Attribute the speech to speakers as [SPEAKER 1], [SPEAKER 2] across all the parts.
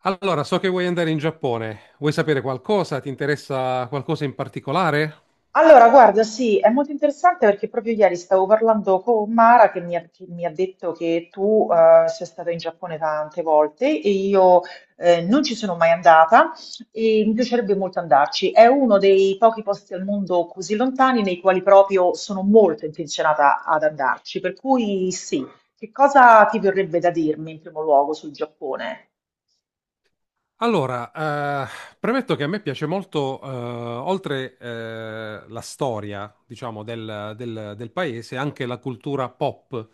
[SPEAKER 1] Allora, so che vuoi andare in Giappone. Vuoi sapere qualcosa? Ti interessa qualcosa in particolare?
[SPEAKER 2] Allora, guarda, sì, è molto interessante perché proprio ieri stavo parlando con Mara che mi ha detto che tu sei stata in Giappone tante volte e io non ci sono mai andata e mi piacerebbe molto andarci. È uno dei pochi posti al mondo così lontani nei quali proprio sono molto intenzionata ad andarci, per cui sì. Che cosa ti verrebbe da dirmi in primo luogo sul Giappone?
[SPEAKER 1] Allora, eh, premetto che a me piace molto, oltre la storia, diciamo, del paese, anche la cultura pop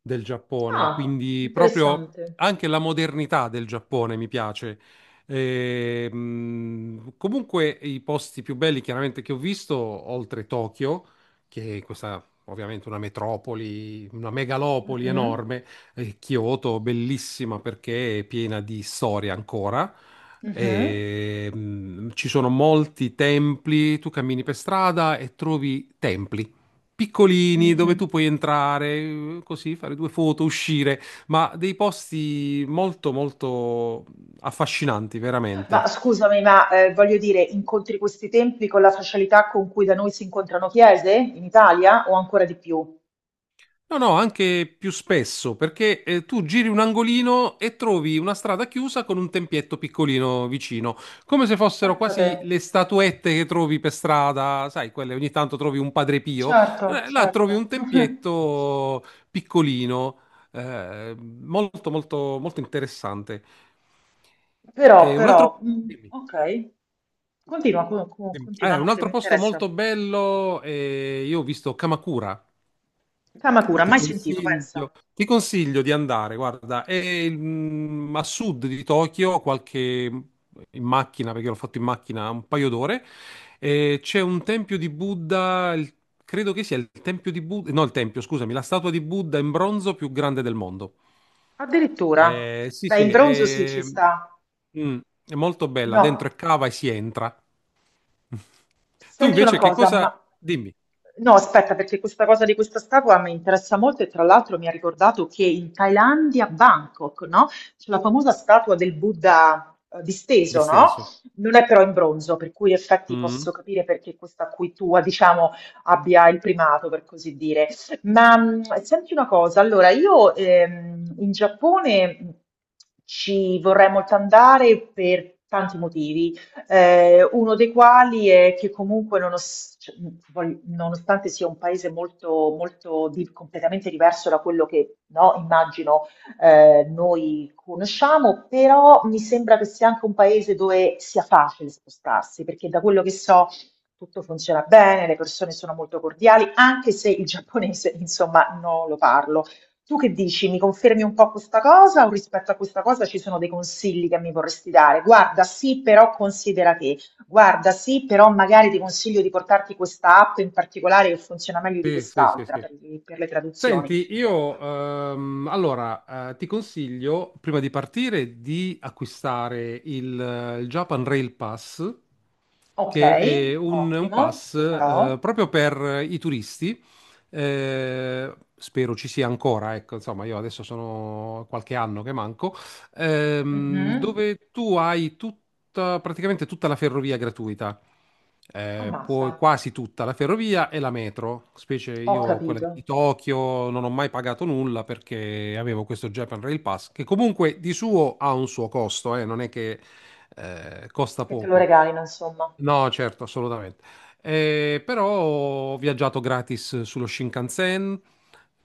[SPEAKER 1] del Giappone,
[SPEAKER 2] Ah,
[SPEAKER 1] quindi proprio
[SPEAKER 2] interessante.
[SPEAKER 1] anche la modernità del Giappone mi piace. Comunque i posti più belli chiaramente che ho visto, oltre Tokyo, che è questa ovviamente una metropoli, una megalopoli
[SPEAKER 2] Mhm,
[SPEAKER 1] enorme, e Kyoto, bellissima perché è piena di storia ancora.
[SPEAKER 2] mhm.
[SPEAKER 1] Ci sono molti templi, tu cammini per strada e trovi templi piccolini dove
[SPEAKER 2] Mhm.
[SPEAKER 1] tu puoi entrare, così fare due foto, uscire, ma dei posti molto molto affascinanti,
[SPEAKER 2] Ma
[SPEAKER 1] veramente.
[SPEAKER 2] scusami, ma, voglio dire, incontri questi templi con la facilità con cui da noi si incontrano chiese in Italia o ancora di più?
[SPEAKER 1] No, no, anche più spesso, perché tu giri un angolino e trovi una strada chiusa con un tempietto piccolino vicino, come se fossero
[SPEAKER 2] Pensa te.
[SPEAKER 1] quasi le statuette che trovi per strada, sai, quelle ogni tanto trovi un Padre Pio,
[SPEAKER 2] Certo,
[SPEAKER 1] là trovi
[SPEAKER 2] certo.
[SPEAKER 1] un tempietto piccolino, molto, molto, molto interessante.
[SPEAKER 2] Però,
[SPEAKER 1] E un
[SPEAKER 2] però,
[SPEAKER 1] altro,
[SPEAKER 2] mm,
[SPEAKER 1] dimmi,
[SPEAKER 2] ok. Continua,
[SPEAKER 1] dimmi.
[SPEAKER 2] continua, no,
[SPEAKER 1] Un
[SPEAKER 2] che mi
[SPEAKER 1] altro posto
[SPEAKER 2] interessa.
[SPEAKER 1] molto bello, io ho visto Kamakura.
[SPEAKER 2] Kamakura, mai sentito, pensa.
[SPEAKER 1] Ti consiglio di andare, guarda, a sud di Tokyo, qualche in macchina, perché l'ho fatto in macchina un paio d'ore, e c'è un tempio di Buddha, credo che sia il tempio di Buddha, no, il tempio, scusami, la statua di Buddha in bronzo più grande del mondo.
[SPEAKER 2] Addirittura.
[SPEAKER 1] Sì,
[SPEAKER 2] Beh,
[SPEAKER 1] sì,
[SPEAKER 2] in bronzo sì, ci
[SPEAKER 1] è,
[SPEAKER 2] sta.
[SPEAKER 1] mm, è molto bella, dentro
[SPEAKER 2] No.
[SPEAKER 1] è cava e si entra. Tu
[SPEAKER 2] Senti una
[SPEAKER 1] invece che
[SPEAKER 2] cosa, ma
[SPEAKER 1] cosa... Dimmi,
[SPEAKER 2] no, aspetta, perché questa cosa di questa statua mi interessa molto e tra l'altro mi ha ricordato che in Thailandia, a Bangkok, no? C'è la famosa statua del Buddha disteso, no?
[SPEAKER 1] disteso.
[SPEAKER 2] Non è però in bronzo, per cui in effetti
[SPEAKER 1] Mm.
[SPEAKER 2] posso capire perché questa qui tua, diciamo, abbia il primato, per così dire. Ma senti una cosa, allora io in Giappone ci vorrei molto andare per tanti motivi uno dei quali è che comunque cioè, poi, nonostante sia un paese molto, molto completamente diverso da quello che no, immagino noi conosciamo, però mi sembra che sia anche un paese dove sia facile spostarsi, perché da quello che so tutto funziona bene, le persone sono molto cordiali, anche se il giapponese, insomma, non lo parlo. Tu che dici? Mi confermi un po' questa cosa o rispetto a questa cosa ci sono dei consigli che mi vorresti dare? Guarda, sì, però considera che, guarda, sì, però magari ti consiglio di portarti questa app in particolare che funziona meglio di
[SPEAKER 1] Sì, sì, sì,
[SPEAKER 2] quest'altra
[SPEAKER 1] sì.
[SPEAKER 2] per le traduzioni.
[SPEAKER 1] Senti, io ti consiglio, prima di partire, di acquistare il Japan Rail Pass,
[SPEAKER 2] Ok,
[SPEAKER 1] che è un
[SPEAKER 2] ottimo,
[SPEAKER 1] pass
[SPEAKER 2] lo farò.
[SPEAKER 1] proprio per i turisti. Spero ci sia ancora, ecco, insomma, io adesso sono qualche anno che manco,
[SPEAKER 2] Mhm.
[SPEAKER 1] dove tu hai tutta, praticamente tutta la ferrovia gratuita
[SPEAKER 2] Ammazza,
[SPEAKER 1] poi quasi tutta la ferrovia e la metro, specie
[SPEAKER 2] ho
[SPEAKER 1] io quella
[SPEAKER 2] capito.
[SPEAKER 1] di Tokyo non ho mai pagato nulla perché avevo questo Japan Rail Pass che comunque di suo ha un suo costo, non è che costa
[SPEAKER 2] Che te lo
[SPEAKER 1] poco.
[SPEAKER 2] regalino, insomma.
[SPEAKER 1] No, certo, assolutamente. Però ho viaggiato gratis sullo Shinkansen,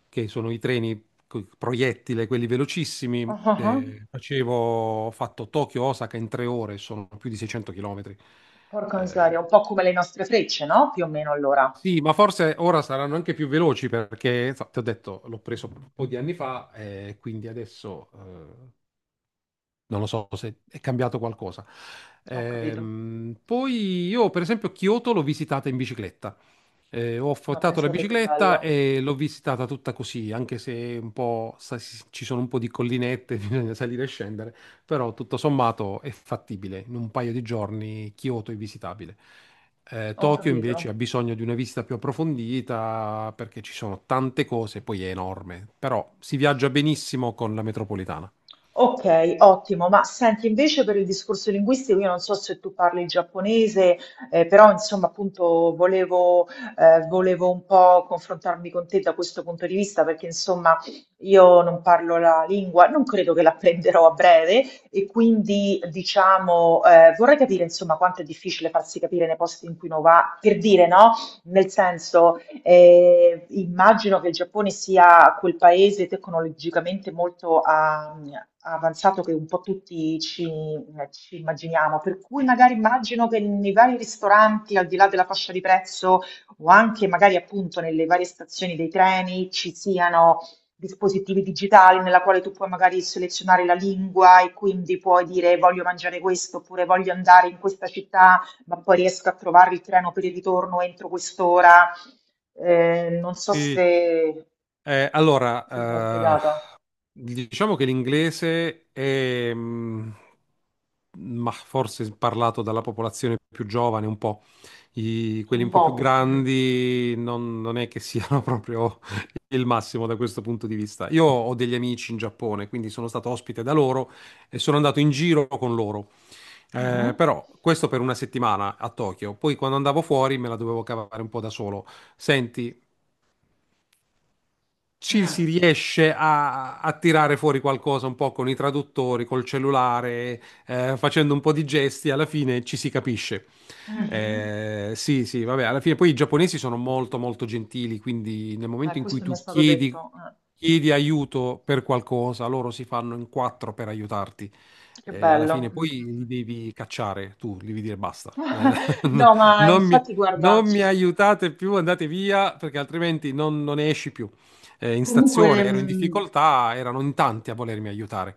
[SPEAKER 1] che sono i treni proiettile, quelli velocissimi.
[SPEAKER 2] Ah, ah, ah.
[SPEAKER 1] Ho fatto Tokyo-Osaka in 3 ore, sono più di 600 chilometri.
[SPEAKER 2] Porca
[SPEAKER 1] Eh,
[SPEAKER 2] miseria, un po' come le nostre frecce, no? Più o meno allora.
[SPEAKER 1] sì, ma forse ora saranno anche più veloci perché, so, ti ho detto, l'ho preso un po' di anni fa e quindi adesso non lo so se è cambiato qualcosa.
[SPEAKER 2] Ho capito.
[SPEAKER 1] Poi io, per esempio, Kyoto l'ho visitata in bicicletta. Ho
[SPEAKER 2] Ma
[SPEAKER 1] affittato la
[SPEAKER 2] pensate che
[SPEAKER 1] bicicletta
[SPEAKER 2] bello.
[SPEAKER 1] e l'ho visitata tutta così, anche se un po', ci sono un po' di collinette, bisogna salire e scendere, però tutto sommato è fattibile. In un paio di giorni Kyoto è visitabile.
[SPEAKER 2] Ho
[SPEAKER 1] Tokyo invece
[SPEAKER 2] capito.
[SPEAKER 1] ha bisogno di una visita più approfondita perché ci sono tante cose, poi è enorme, però si viaggia benissimo con la metropolitana.
[SPEAKER 2] Ok, ottimo. Ma senti, invece per il discorso linguistico, io non so se tu parli il giapponese, però insomma, appunto, volevo un po' confrontarmi con te da questo punto di vista, perché insomma, io non parlo la lingua, non credo che l'apprenderò a breve, e quindi diciamo, vorrei capire insomma quanto è difficile farsi capire nei posti in cui uno va, per dire, no? Nel senso, immagino che il Giappone sia quel paese tecnologicamente molto avanzato che un po' tutti ci immaginiamo, per cui magari immagino che nei vari ristoranti, al di là della fascia di prezzo o anche magari appunto nelle varie stazioni dei treni ci siano dispositivi digitali nella quale tu puoi magari selezionare la lingua e quindi puoi dire voglio mangiare questo oppure voglio andare in questa città ma poi riesco a trovare il treno per il ritorno entro quest'ora. Non so
[SPEAKER 1] Sì,
[SPEAKER 2] se,
[SPEAKER 1] Eh,
[SPEAKER 2] se mi sono
[SPEAKER 1] allora, eh,
[SPEAKER 2] spiegata
[SPEAKER 1] diciamo che l'inglese è, ma forse parlato dalla popolazione più giovane un po'. Quelli
[SPEAKER 2] un
[SPEAKER 1] un po' più
[SPEAKER 2] po'. Mm.
[SPEAKER 1] grandi non è che siano proprio il massimo da questo punto di vista. Io ho degli amici in Giappone, quindi sono stato ospite da loro e sono andato in giro con loro.
[SPEAKER 2] Mhm.
[SPEAKER 1] Però questo per 1 settimana a Tokyo. Poi quando andavo fuori me la dovevo cavare un po' da solo. Senti, ci si
[SPEAKER 2] Mm.
[SPEAKER 1] riesce a tirare fuori qualcosa un po' con i traduttori, col cellulare, facendo un po' di gesti, alla fine ci si capisce.
[SPEAKER 2] Mhm.
[SPEAKER 1] Sì, sì, vabbè, alla fine poi i giapponesi sono molto, molto gentili, quindi nel momento in cui
[SPEAKER 2] Questo mi è
[SPEAKER 1] tu
[SPEAKER 2] stato
[SPEAKER 1] chiedi,
[SPEAKER 2] detto.
[SPEAKER 1] chiedi aiuto per qualcosa, loro si fanno in quattro per aiutarti.
[SPEAKER 2] Che
[SPEAKER 1] Alla
[SPEAKER 2] bello.
[SPEAKER 1] fine
[SPEAKER 2] Mm,
[SPEAKER 1] poi
[SPEAKER 2] mm, mm.
[SPEAKER 1] li devi cacciare, tu li devi dire basta. No,
[SPEAKER 2] No, ma
[SPEAKER 1] non mi,
[SPEAKER 2] infatti, guarda,
[SPEAKER 1] non mi aiutate più, andate via, perché altrimenti non ne esci più. In
[SPEAKER 2] comunque.
[SPEAKER 1] stazione ero in difficoltà, erano in tanti a volermi aiutare.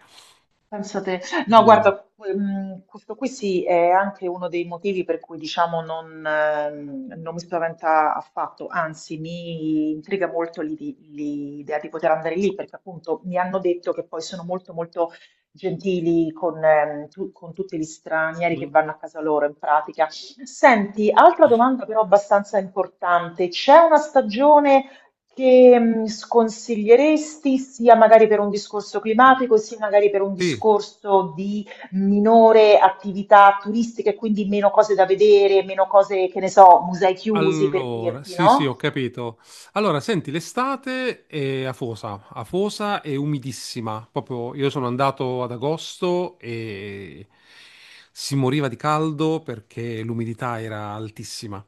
[SPEAKER 2] Penso te. No,
[SPEAKER 1] Dimmi.
[SPEAKER 2] guarda, questo qui sì è anche uno dei motivi per cui diciamo non mi spaventa affatto, anzi mi intriga molto l'idea di poter andare lì perché appunto mi hanno detto che poi sono molto molto gentili con tutti gli stranieri che
[SPEAKER 1] Mm,
[SPEAKER 2] vanno a casa loro in pratica. Senti, altra domanda però abbastanza importante, c'è una stagione che, sconsiglieresti sia magari per un discorso climatico, sia magari per un
[SPEAKER 1] Sì,
[SPEAKER 2] discorso di minore attività turistica e quindi meno cose da vedere, meno cose, che ne so, musei chiusi per
[SPEAKER 1] allora,
[SPEAKER 2] dirti,
[SPEAKER 1] sì, sì, ho
[SPEAKER 2] no?
[SPEAKER 1] capito. Allora, senti, l'estate è afosa, afosa e umidissima. Proprio io sono andato ad agosto e si moriva di caldo perché l'umidità era altissima.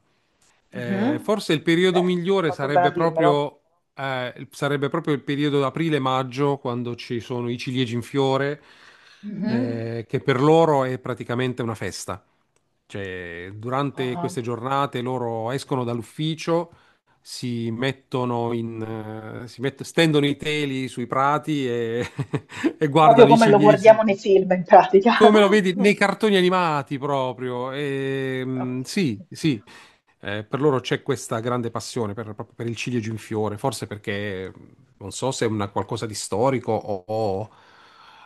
[SPEAKER 2] Mh-mh.
[SPEAKER 1] Forse il periodo
[SPEAKER 2] Eh,
[SPEAKER 1] migliore
[SPEAKER 2] fatto bene a dirmelo.
[SPEAKER 1] sarebbe proprio il periodo da aprile-maggio, quando ci sono i ciliegi in fiore,
[SPEAKER 2] Mh-mh.
[SPEAKER 1] che per loro è praticamente una festa. Cioè, durante
[SPEAKER 2] Ah-ah.
[SPEAKER 1] queste giornate loro escono dall'ufficio, si mettono in, si mett- stendono i teli sui prati e, e
[SPEAKER 2] Proprio
[SPEAKER 1] guardano i
[SPEAKER 2] come lo guardiamo
[SPEAKER 1] ciliegi.
[SPEAKER 2] nei film in pratica.
[SPEAKER 1] Come lo vedi nei cartoni animati proprio.
[SPEAKER 2] Okay.
[SPEAKER 1] Sì, sì, per loro c'è questa grande passione proprio per il ciliegio in fiore, forse perché non so se è una qualcosa di storico o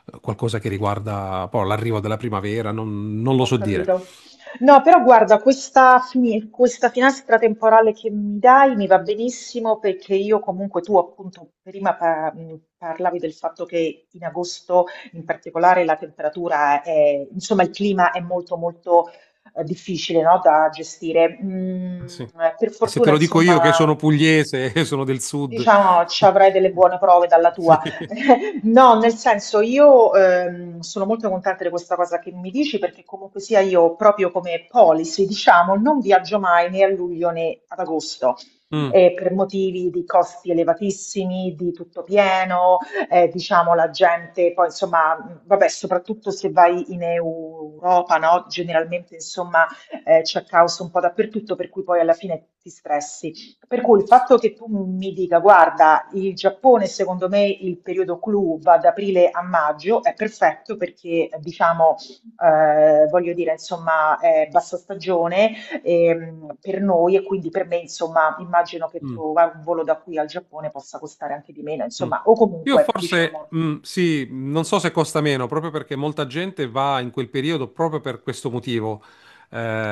[SPEAKER 1] qualcosa che riguarda poi l'arrivo della primavera, non lo
[SPEAKER 2] Ho
[SPEAKER 1] so dire.
[SPEAKER 2] capito. No, però guarda, questa finestra temporale che mi dai mi va benissimo perché io comunque tu appunto prima parlavi del fatto che in agosto in particolare la temperatura è, insomma, il clima è molto molto difficile, no, da gestire.
[SPEAKER 1] Sì.
[SPEAKER 2] Per
[SPEAKER 1] E se te
[SPEAKER 2] fortuna,
[SPEAKER 1] lo dico io che sono
[SPEAKER 2] insomma,
[SPEAKER 1] pugliese, e sono del sud.
[SPEAKER 2] diciamo ci avrai delle buone prove dalla
[SPEAKER 1] Sì.
[SPEAKER 2] tua. No, nel senso io, sono molto contenta di questa cosa che mi dici perché comunque sia io proprio come policy, diciamo, non viaggio mai né a luglio né ad agosto.
[SPEAKER 1] Mm.
[SPEAKER 2] Per motivi di costi elevatissimi, di tutto pieno, diciamo la gente, poi insomma, vabbè, soprattutto se vai in Europa, no? Generalmente insomma c'è caos un po' dappertutto, per cui poi alla fine ti stressi. Per cui il fatto che tu mi dica, guarda, il Giappone secondo me il periodo clou va da aprile a maggio, è perfetto perché diciamo, voglio dire, insomma, è bassa stagione per noi e quindi per me, insomma, immagino che
[SPEAKER 1] Mm.
[SPEAKER 2] trova un volo da qui al Giappone possa costare anche di meno,
[SPEAKER 1] Mm.
[SPEAKER 2] insomma, o
[SPEAKER 1] Io
[SPEAKER 2] comunque,
[SPEAKER 1] forse,
[SPEAKER 2] diciamo,
[SPEAKER 1] mm, sì, non so se costa meno, proprio perché molta gente va in quel periodo proprio per questo motivo,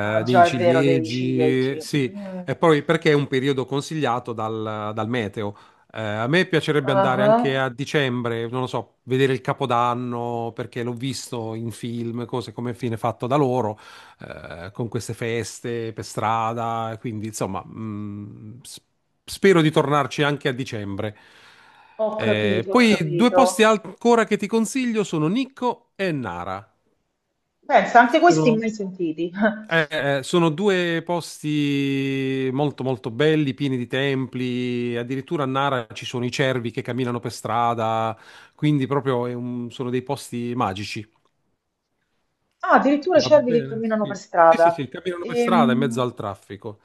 [SPEAKER 2] ah,
[SPEAKER 1] dei
[SPEAKER 2] già è vero dei
[SPEAKER 1] ciliegi,
[SPEAKER 2] ciliegi.
[SPEAKER 1] sì,
[SPEAKER 2] Mm.
[SPEAKER 1] e poi perché è un periodo consigliato dal meteo. A me piacerebbe andare anche
[SPEAKER 2] Ah,
[SPEAKER 1] a dicembre, non lo so, vedere il Capodanno, perché l'ho visto in film, cose come fine fatto da loro, con queste feste per strada, quindi insomma, spero di tornarci anche a dicembre.
[SPEAKER 2] ho capito, ho
[SPEAKER 1] Poi due
[SPEAKER 2] capito.
[SPEAKER 1] posti ancora che ti consiglio sono Nikko e Nara.
[SPEAKER 2] Pensa, anche questi
[SPEAKER 1] Sono,
[SPEAKER 2] mai sentiti.
[SPEAKER 1] eh, sono due posti molto molto belli, pieni di templi, addirittura a Nara ci sono i cervi che camminano per strada, quindi sono dei posti magici.
[SPEAKER 2] Ah, addirittura
[SPEAKER 1] Va
[SPEAKER 2] cervi che
[SPEAKER 1] bene,
[SPEAKER 2] camminano per
[SPEAKER 1] sì. Sì, sì,
[SPEAKER 2] strada.
[SPEAKER 1] sì, camminano per strada in mezzo
[SPEAKER 2] Ehm,
[SPEAKER 1] al traffico.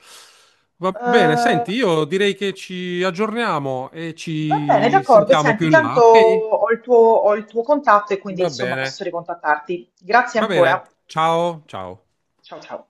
[SPEAKER 1] Va bene,
[SPEAKER 2] eh,
[SPEAKER 1] senti, io direi che ci aggiorniamo e
[SPEAKER 2] Va bene,
[SPEAKER 1] ci
[SPEAKER 2] d'accordo.
[SPEAKER 1] sentiamo
[SPEAKER 2] Senti,
[SPEAKER 1] più in là,
[SPEAKER 2] tanto
[SPEAKER 1] ok?
[SPEAKER 2] ho il tuo contatto e quindi
[SPEAKER 1] Va
[SPEAKER 2] insomma
[SPEAKER 1] bene,
[SPEAKER 2] posso ricontattarti. Grazie
[SPEAKER 1] va bene.
[SPEAKER 2] ancora.
[SPEAKER 1] Ciao, ciao.
[SPEAKER 2] Ciao ciao.